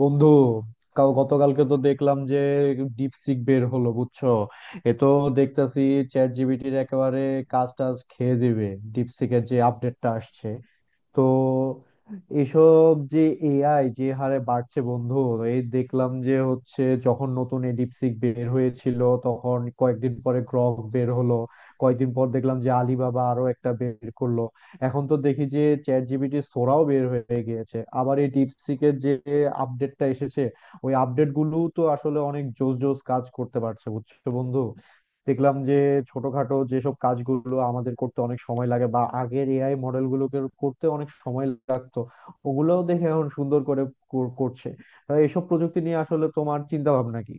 বন্ধু কাল গতকালকে তো দেখলাম যে ডিপসিক বের হলো বুঝছো। এ তো দেখতেছি চ্যাট জিপিটির একেবারে কাজ টাজ খেয়ে দিবে ডিপসিকের যে আপডেটটা আসছে। তো এসব যে এআই যে হারে বাড়ছে বন্ধু, এই দেখলাম যে হচ্ছে যখন নতুন এই ডিপসিক বের হয়েছিল তখন কয়েকদিন পরে গ্রক বের হলো, কয়েকদিন পর দেখলাম যে আলিবাবা আরো একটা বের করলো। এখন তো দেখি যে চ্যাট জিপিটি সোরাও বের হয়ে গিয়েছে, আবার এই ডিপসিকের যে আপডেটটা এসেছে ওই আপডেট গুলো তো আসলে অনেক জোস জোস কাজ করতে পারছে বুঝছো বন্ধু। দেখলাম যে ছোটখাটো যেসব কাজগুলো আমাদের করতে অনেক সময় লাগে বা আগের এআই মডেল গুলোকে করতে অনেক সময় লাগতো ওগুলোও দেখে এখন সুন্দর করে করছে। তাই এসব প্রযুক্তি নিয়ে আসলে তোমার চিন্তা ভাবনা কি?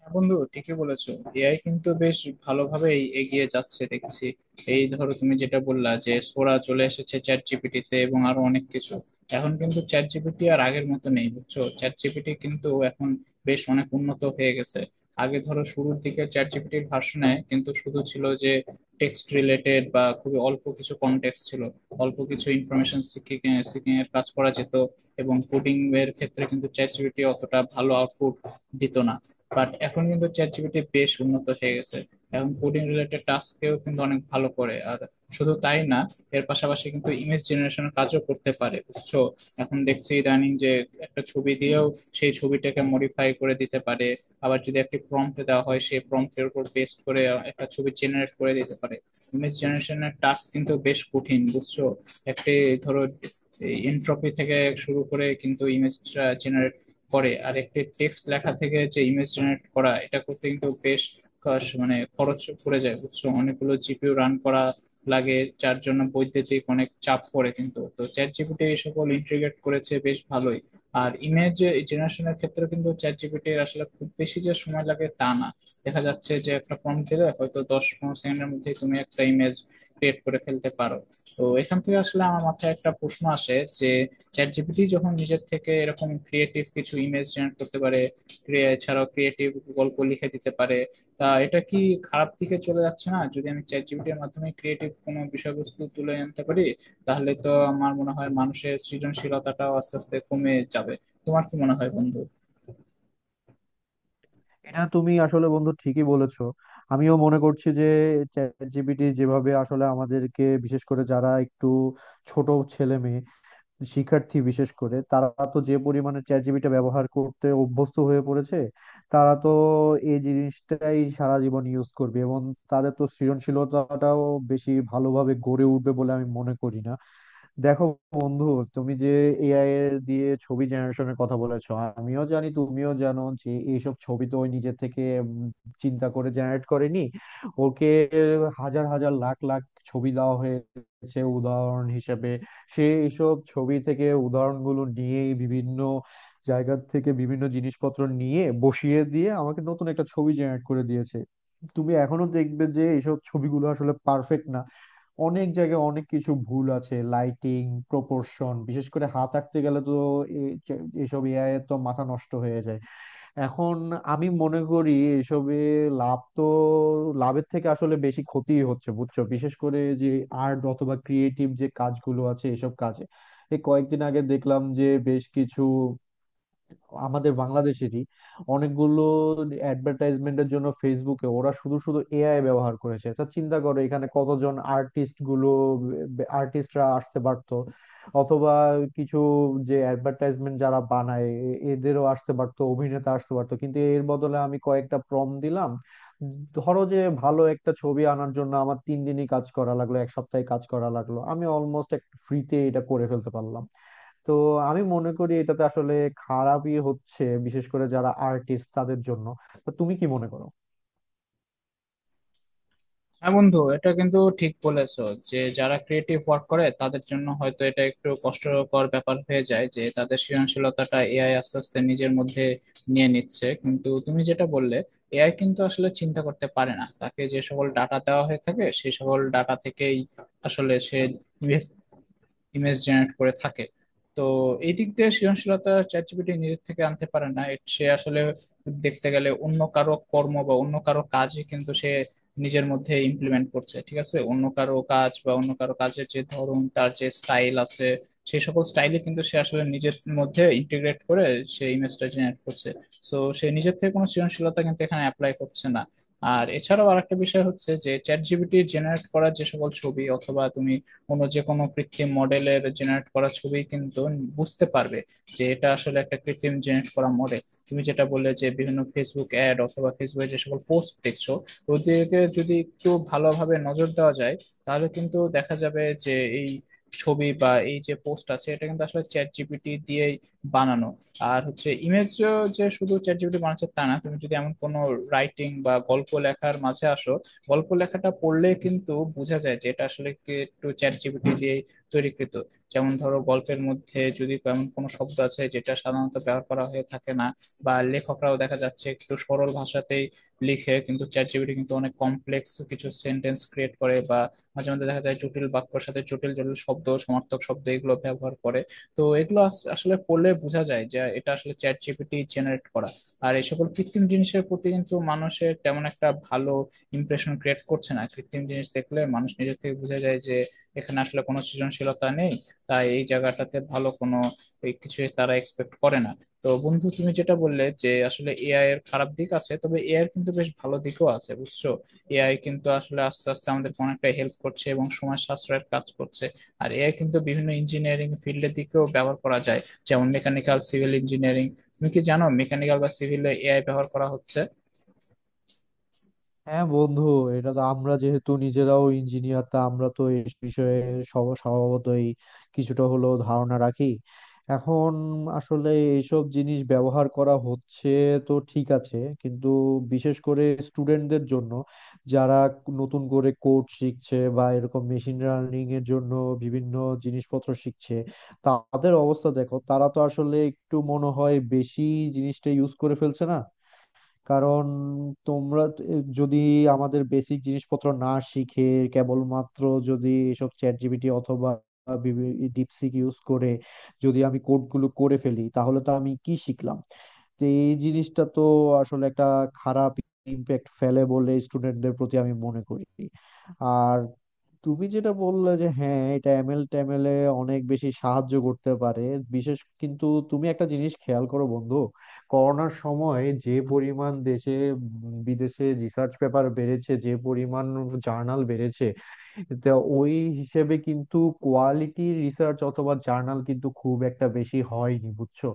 হ্যাঁ বন্ধু, ঠিকই বলেছো। এআই কিন্তু বেশ ভালোভাবেই এগিয়ে যাচ্ছে দেখছি। এই ধরো তুমি যেটা বললা যে সোরা চলে এসেছে চ্যাট জিপিটিতে এবং আরো অনেক কিছু। এখন কিন্তু চ্যাট জিপিটি আর আগের মতো নেই, বুঝছো? চ্যাট জিপিটি কিন্তু এখন বেশ অনেক উন্নত হয়ে গেছে। আগে ধরো শুরুর দিকে চ্যাট জিপিটির ভার্সনে কিন্তু শুধু ছিল যে টেক্সট রিলেটেড বা খুবই অল্প কিছু কনটেক্সট ছিল, অল্প কিছু ইনফরমেশন সিকিং সিকিং এর কাজ করা যেত। এবং কোডিং এর ক্ষেত্রে কিন্তু চ্যাট জিপিটি অতটা ভালো আউটপুট দিত না। বাট এখন কিন্তু চ্যাট জিপিটি বেশ উন্নত হয়ে গেছে। এখন কোডিং রিলেটেড টাস্কেও কিন্তু অনেক ভালো করে আর শুধু তাই না, এর পাশাপাশি কিন্তু ইমেজ জেনারেশনের কাজও করতে পারে, বুঝছো। এখন দেখছি ইদানিং যে একটা ছবি দিয়েও সেই ছবিটাকে মডিফাই করে দিতে পারে। আবার যদি একটি প্রম্পট দেওয়া হয় সেই প্রম্পটের উপর বেস করে একটা ছবি জেনারেট করে দিতে পারে। ইমেজ জেনারেশনের টাস্ক কিন্তু বেশ কঠিন, বুঝছো। একটি ধরো এনট্রপি থেকে শুরু করে কিন্তু ইমেজটা জেনারেট করে, আর একটি টেক্সট লেখা থেকে যে ইমেজ জেনারেট করা, এটা করতে কিন্তু বেশ খরচ- মানে খরচ পড়ে যায়, বুঝছো। অনেকগুলো জিপিইউ রান করা লাগে, যার জন্য বৈদ্যুতিক অনেক চাপ পড়ে, কিন্তু তো চ্যাট জিপিটি এই সকল ইন্টিগ্রেট করেছে বেশ ভালোই। আর ইমেজ জেনারেশনের ক্ষেত্রে কিন্তু চ্যাট জিপিটির আসলে খুব বেশি যে সময় লাগে তা না। দেখা যাচ্ছে যে একটা প্রম্পট দিলে হয়তো 10-15 সেকেন্ডের মধ্যেই তুমি একটা ইমেজ ক্রিয়েট করে ফেলতে পারো। তো এখান থেকে আসলে আমার মাথায় একটা প্রশ্ন আসে যে চ্যাট জিপিটি যখন নিজের থেকে এরকম ক্রিয়েটিভ কিছু ইমেজ জেনারেট করতে পারে, এছাড়াও ক্রিয়েটিভ গল্প লিখে দিতে পারে, তা এটা কি খারাপ দিকে চলে যাচ্ছে না? যদি আমি চ্যাট জিপিটির মাধ্যমে ক্রিয়েটিভ কোনো বিষয়বস্তু তুলে আনতে পারি তাহলে তো আমার মনে হয় মানুষের সৃজনশীলতাটাও আস্তে আস্তে কমে যাবে। তোমার কি মনে হয় বন্ধু? এটা তুমি আসলে বন্ধু ঠিকই বলেছো। আমিও মনে করছি যে চ্যাট জিপিটি যেভাবে আসলে আমাদেরকে, বিশেষ করে যারা একটু ছোট ছেলে মেয়ে শিক্ষার্থী বিশেষ করে তারা, তো যে পরিমাণে চ্যাট জিপিটি ব্যবহার করতে অভ্যস্ত হয়ে পড়েছে তারা তো এই জিনিসটাই সারা জীবন ইউজ করবে এবং তাদের তো সৃজনশীলতাটাও বেশি ভালোভাবে গড়ে উঠবে বলে আমি মনে করি না। দেখো বন্ধু, তুমি যে এআই এর দিয়ে ছবি জেনারেশনের কথা বলেছো, আমিও জানি তুমিও জানো যে এইসব ছবি তো ওই নিজে থেকে চিন্তা করে জেনারেট করেনি। ওকে হাজার হাজার লাখ লাখ ছবি দেওয়া হয়েছে উদাহরণ হিসেবে, সে এইসব ছবি থেকে উদাহরণগুলো নিয়ে বিভিন্ন জায়গা থেকে বিভিন্ন জিনিসপত্র নিয়ে বসিয়ে দিয়ে আমাকে নতুন একটা ছবি জেনারেট করে দিয়েছে। তুমি এখনো দেখবে যে এইসব ছবিগুলো আসলে পারফেক্ট না, অনেক জায়গায় অনেক কিছু ভুল আছে, লাইটিং, প্রপোর্শন, বিশেষ করে হাত আঁকতে গেলে তো এসব এআই এর তো মাথা নষ্ট হয়ে যায়। এখন আমি মনে করি এসবে লাভ তো লাভের থেকে আসলে বেশি ক্ষতিই হচ্ছে বুঝছো, বিশেষ করে যে আর্ট অথবা ক্রিয়েটিভ যে কাজগুলো আছে এসব কাজে। এই কয়েকদিন আগে দেখলাম যে বেশ কিছু আমাদের বাংলাদেশেরই অনেকগুলো অ্যাডভার্টাইজমেন্টের জন্য ফেসবুকে ওরা শুধু শুধু এআই ব্যবহার করেছে। তা চিন্তা করো এখানে কতজন আর্টিস্ট গুলো, আর্টিস্টরা আসতে পারতো, অথবা কিছু যে অ্যাডভার্টাইজমেন্ট যারা বানায় এদেরও আসতে পারতো, অভিনেতা আসতে পারতো, কিন্তু এর বদলে আমি কয়েকটা প্রম দিলাম। ধরো যে ভালো একটা ছবি আনার জন্য আমার 3 দিনই কাজ করা লাগলো, এক সপ্তাহে কাজ করা লাগলো, আমি অলমোস্ট একটা ফ্রিতে এটা করে ফেলতে পারলাম। তো আমি মনে করি এটাতে আসলে খারাপই হচ্ছে, বিশেষ করে যারা আর্টিস্ট তাদের জন্য। তো তুমি কি মনে করো? হ্যাঁ বন্ধু, এটা কিন্তু ঠিক বলেছো যে যারা ক্রিয়েটিভ ওয়ার্ক করে তাদের জন্য হয়তো এটা একটু কষ্টকর ব্যাপার হয়ে যায় যে তাদের সৃজনশীলতাটা এআই আস্তে আস্তে নিজের মধ্যে নিয়ে নিচ্ছে। কিন্তু তুমি যেটা বললে, এআই কিন্তু আসলে চিন্তা করতে পারে না, তাকে যে সকল ডাটা দেওয়া হয়ে থাকে সেই সকল ডাটা থেকেই আসলে সে ইমেজ জেনারেট করে থাকে। তো এই দিক দিয়ে সৃজনশীলতা চ্যাট জিপিটি নিজের থেকে আনতে পারে না। সে আসলে দেখতে গেলে অন্য কারো কর্ম বা অন্য কারো কাজই কিন্তু সে নিজের মধ্যে ইমপ্লিমেন্ট করছে। ঠিক আছে, অন্য কারো কাজ বা অন্য কারো কাজের যে ধরন, তার যে স্টাইল আছে, সেই সকল স্টাইলে কিন্তু সে আসলে নিজের মধ্যে ইন্টিগ্রেট করে সে ইমেজটা জেনারেট করছে। সো সে নিজের থেকে কোনো সৃজনশীলতা কিন্তু এখানে অ্যাপ্লাই করছে না। আর এছাড়াও আরেকটা বিষয় হচ্ছে যে চ্যাট জিপিটি জেনারেট করা যে সকল ছবি অথবা তুমি কোনো যে কোনো কৃত্রিম মডেলের জেনারেট করা ছবি কিন্তু বুঝতে পারবে যে এটা আসলে একটা কৃত্রিম জেনারেট করা মডেল। তুমি যেটা বললে যে বিভিন্ন ফেসবুক অ্যাড অথবা ফেসবুকে যে সকল পোস্ট দেখছো, ওদিকে যদি একটু ভালোভাবে নজর দেওয়া যায় তাহলে কিন্তু দেখা যাবে যে এই ছবি বা এই যে পোস্ট আছে, এটা কিন্তু আসলে চ্যাট জিপিটি দিয়েই বানানো। আর হচ্ছে ইমেজ যে শুধু চ্যাট জিপিটি বানাচ্ছে তা না, তুমি যদি এমন কোনো রাইটিং বা গল্প লেখার মাঝে আসো, গল্প লেখাটা পড়লে কিন্তু বোঝা যায় যে এটা আসলে কি একটু চ্যাট জিপিটি দিয়ে তৈরিকৃত। যেমন ধরো গল্পের মধ্যে যদি এমন কোনো শব্দ আছে যেটা সাধারণত ব্যবহার করা হয়ে থাকে না, বা লেখকরাও দেখা যাচ্ছে একটু সরল ভাষাতেই লিখে, কিন্তু চ্যাট জিপিটি কিন্তু অনেক কমপ্লেক্স কিছু সেন্টেন্স ক্রিয়েট করে, বা মাঝে মধ্যে দেখা যায় জটিল বাক্যর সাথে জটিল জটিল শব্দ, সমার্থক শব্দ এগুলো ব্যবহার করে। তো এগুলো আসলে পড়লে বোঝা যায় যে এটা আসলে চ্যাট জিপিটি জেনারেট করা। আর এই সকল কৃত্রিম জিনিসের প্রতি কিন্তু মানুষের তেমন একটা ভালো ইমপ্রেশন ক্রিয়েট করছে না। কৃত্রিম জিনিস দেখলে মানুষ নিজের থেকে বুঝে যায় যে এখানে আসলে কোনো সৃজনশীলতা নেই। তাই এই জায়গাটাতে ভালো কোনো এই কিছু তারা এক্সপেক্ট করে না। তো বন্ধু তুমি যেটা বললে যে আসলে এআই এর খারাপ দিক আছে, তবে এআই এর কিন্তু বেশ ভালো দিকও আছে, বুঝছো। এআই কিন্তু আসলে আস্তে আস্তে আমাদের অনেকটা হেল্প করছে এবং সময় সাশ্রয়ের কাজ করছে। আর এআই কিন্তু বিভিন্ন ইঞ্জিনিয়ারিং ফিল্ডের দিকেও ব্যবহার করা যায়, যেমন মেকানিক্যাল, সিভিল ইঞ্জিনিয়ারিং। তুমি কি জানো মেকানিক্যাল বা সিভিলে এআই ব্যবহার করা হচ্ছে? হ্যাঁ বন্ধু, এটা তো আমরা যেহেতু নিজেরাও ইঞ্জিনিয়ার তা আমরা তো এই বিষয়ে স্বভাবতই কিছুটা হলেও ধারণা রাখি। এখন আসলে এইসব জিনিস ব্যবহার করা হচ্ছে তো ঠিক আছে, কিন্তু বিশেষ করে স্টুডেন্টদের জন্য, যারা নতুন করে কোড শিখছে বা এরকম মেশিন লার্নিং এর জন্য বিভিন্ন জিনিসপত্র শিখছে, তাদের অবস্থা দেখো তারা তো আসলে একটু মনে হয় বেশি জিনিসটা ইউজ করে ফেলছে না? কারণ তোমরা যদি আমাদের বেসিক জিনিসপত্র না শিখে কেবলমাত্র যদি এসব চ্যাট জিপিটি অথবা ডিপসিক ইউজ করে যদি আমি কোডগুলো করে ফেলি তাহলে তো আমি কি শিখলাম? তো এই জিনিসটা তো আসলে একটা খারাপ ইমপ্যাক্ট ফেলে বলে স্টুডেন্টদের প্রতি আমি মনে করি। আর তুমি যেটা বললে যে হ্যাঁ এটা এমএল ট্যামেলে অনেক বেশি সাহায্য করতে পারে, বিশেষ কিন্তু তুমি একটা জিনিস খেয়াল করো বন্ধু, করোনার সময় যে পরিমাণ দেশে বিদেশে রিসার্চ পেপার বেড়েছে, যে পরিমাণ জার্নাল বেড়েছে, তা ওই হিসেবে কিন্তু কোয়ালিটি রিসার্চ অথবা জার্নাল কিন্তু খুব একটা বেশি হয়নি বুঝছো।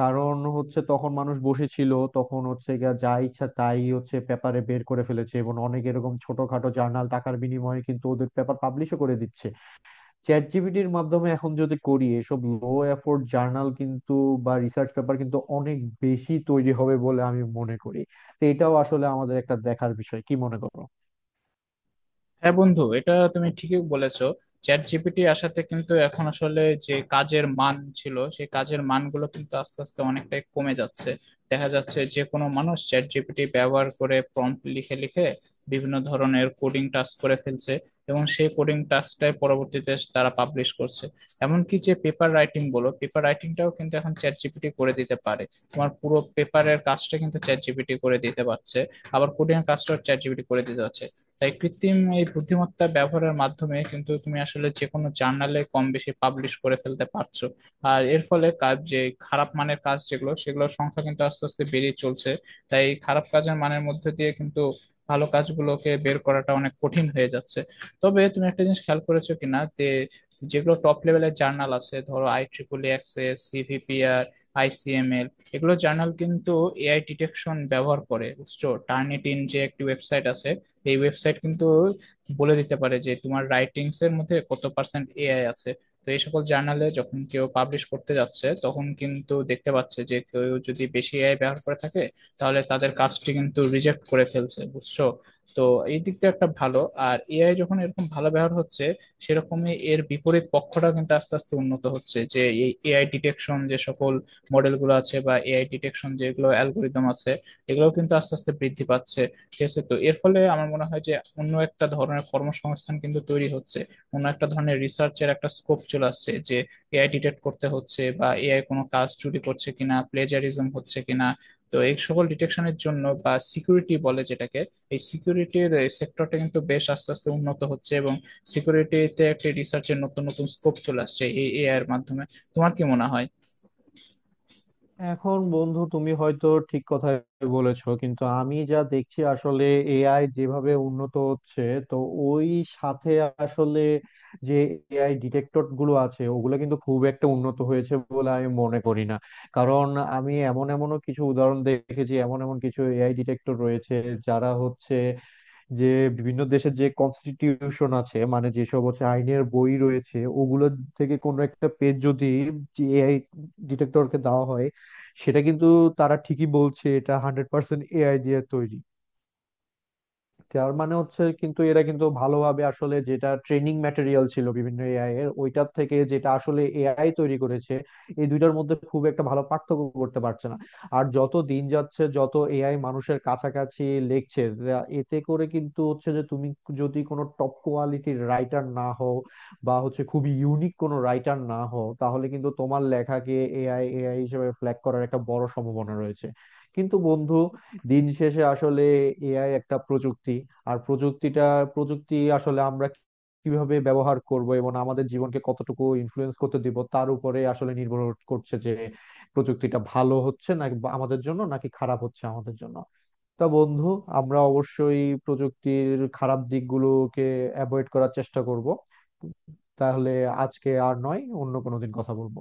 কারণ হচ্ছে তখন মানুষ বসেছিল, তখন হচ্ছে গিয়া যা ইচ্ছা তাই হচ্ছে পেপারে বের করে ফেলেছে এবং অনেক এরকম ছোটখাটো জার্নাল টাকার বিনিময়ে কিন্তু ওদের পেপার পাবলিশও করে দিচ্ছে। চ্যাট জিপিটির মাধ্যমে এখন যদি করি এসব লো এফোর্ট জার্নাল কিন্তু বা রিসার্চ পেপার কিন্তু অনেক বেশি তৈরি হবে বলে আমি মনে করি। তো এটাও আসলে আমাদের একটা দেখার বিষয়, কি মনে করো? হ্যাঁ বন্ধু, এটা তুমি ঠিকই বলেছো। চ্যাট জিপিটি আসাতে কিন্তু এখন আসলে যে কাজের মান ছিল, সেই কাজের মানগুলো কিন্তু আস্তে আস্তে অনেকটাই কমে যাচ্ছে। দেখা যাচ্ছে যে কোনো মানুষ চ্যাট জিপিটি ব্যবহার করে প্রম্পট লিখে লিখে বিভিন্ন ধরনের কোডিং টাস্ক করে ফেলছে, এবং সেই কোডিং টাস্কটাই পরবর্তীতে তারা পাবলিশ করছে। এমনকি যে পেপার রাইটিং বলো, পেপার রাইটিংটাও কিন্তু এখন চ্যাট জিপিটি করে দিতে পারে। তোমার পুরো পেপারের কাজটা কিন্তু চ্যাট জিপিটি করে দিতে পারছে, আবার কোডিং এর কাজটাও চ্যাট জিপিটি করে দিতে পারছে। তাই কৃত্রিম এই বুদ্ধিমত্তা ব্যবহারের মাধ্যমে কিন্তু তুমি আসলে যে কোনো জার্নালে কম বেশি পাবলিশ করে ফেলতে পারছো। আর এর ফলে কাজ যে, খারাপ মানের কাজ যেগুলো সেগুলোর সংখ্যা কিন্তু আস্তে আস্তে বেড়ে চলছে। তাই খারাপ কাজের মানের মধ্যে দিয়ে কিন্তু ভালো কাজগুলোকে বের করাটা অনেক কঠিন হয়ে যাচ্ছে। তবে তুমি একটা জিনিস খেয়াল করেছো কিনা যে যেগুলো টপ লেভেলের জার্নাল আছে, ধরো আই ট্রিপল এক্সএস, সিভিপিআর, আইসিএমএল, এগুলো জার্নাল কিন্তু এআই ডিটেকশন ব্যবহার করে, বুঝছো। টার্নিটিন যে একটি ওয়েবসাইট আছে, এই ওয়েবসাইট কিন্তু বলে দিতে পারে যে তোমার রাইটিংস এর মধ্যে কত পার্সেন্ট এআই আছে। তো এই সকল জার্নালে যখন কেউ পাবলিশ করতে যাচ্ছে, তখন কিন্তু দেখতে পাচ্ছে যে কেউ যদি বেশি এআই ব্যবহার করে থাকে তাহলে তাদের কাজটি কিন্তু রিজেক্ট করে ফেলছে, বুঝছো। তো এই দিকটা একটা ভালো। আর এআই যখন এরকম ভালো ব্যবহার হচ্ছে, সেরকমই এর বিপরীত পক্ষটা কিন্তু আস্তে আস্তে উন্নত হচ্ছে, যে এই এআই ডিটেকশন যে সকল মডেলগুলো আছে বা এআই ডিটেকশন যেগুলো অ্যালগোরিদম আছে, এগুলো কিন্তু আস্তে আস্তে বৃদ্ধি পাচ্ছে। ঠিক আছে, তো এর ফলে আমার মনে হয় যে অন্য একটা ধরনের কর্মসংস্থান কিন্তু তৈরি হচ্ছে, অন্য একটা ধরনের রিসার্চের একটা স্কোপ চলে আসছে, যে এআই ডিটেক্ট করতে হচ্ছে বা এআই কোনো কাজ চুরি করছে কিনা, প্লেজারিজম হচ্ছে কিনা। তো এই সকল ডিটেকশনের জন্য বা সিকিউরিটি বলে যেটাকে, এই সিকিউরিটির সেক্টরটা কিন্তু বেশ আস্তে আস্তে উন্নত হচ্ছে এবং সিকিউরিটিতে একটি রিসার্চের নতুন নতুন স্কোপ চলে আসছে এই এআই এর মাধ্যমে। তোমার কি মনে হয়? এখন বন্ধু তুমি হয়তো ঠিক কথাই বলেছো, কিন্তু আমি যা দেখছি আসলে এআই যেভাবে উন্নত হচ্ছে তো ওই সাথে আসলে যে এআই ডিটেক্টর গুলো আছে ওগুলো কিন্তু খুব একটা উন্নত হয়েছে বলে আমি মনে করি না। কারণ আমি এমন এমনও কিছু উদাহরণ দেখেছি, এমন এমন কিছু এআই ডিটেক্টর রয়েছে যারা হচ্ছে যে বিভিন্ন দেশের যে কনস্টিটিউশন আছে মানে যেসব হচ্ছে আইনের বই রয়েছে ওগুলো থেকে কোনো একটা পেজ যদি এআই ডিটেক্টরকে দেওয়া হয় সেটা কিন্তু তারা ঠিকই বলছে এটা 100% এআই দিয়ে তৈরি। তার মানে হচ্ছে কিন্তু এরা কিন্তু ভালোভাবে আসলে যেটা ট্রেনিং ম্যাটেরিয়াল ছিল বিভিন্ন এআই এর ওইটার থেকে যেটা আসলে এআই তৈরি করেছে এই দুইটার মধ্যে খুব একটা ভালো পার্থক্য করতে পারছে না। আর যত দিন যাচ্ছে যত এআই মানুষের কাছাকাছি লেখছে এতে করে কিন্তু হচ্ছে যে তুমি যদি কোনো টপ কোয়ালিটির রাইটার না হও বা হচ্ছে খুবই ইউনিক কোনো রাইটার না হও তাহলে কিন্তু তোমার লেখাকে এআই এআই হিসেবে ফ্ল্যাগ করার একটা বড় সম্ভাবনা রয়েছে। কিন্তু বন্ধু, দিন শেষে আসলে এআই একটা প্রযুক্তি। আর প্রযুক্তি আসলে আমরা কিভাবে ব্যবহার করব এবং আমাদের জীবনকে কতটুকু ইনফ্লুয়েন্স করতে দিব তার উপরে আসলে নির্ভর করছে যে প্রযুক্তিটা ভালো হচ্ছে নাকি আমাদের জন্য, নাকি খারাপ হচ্ছে আমাদের জন্য। তা বন্ধু, আমরা অবশ্যই প্রযুক্তির খারাপ দিকগুলোকে অ্যাভয়েড করার চেষ্টা করব। তাহলে আজকে আর নয়, অন্য কোনো দিন কথা বলবো।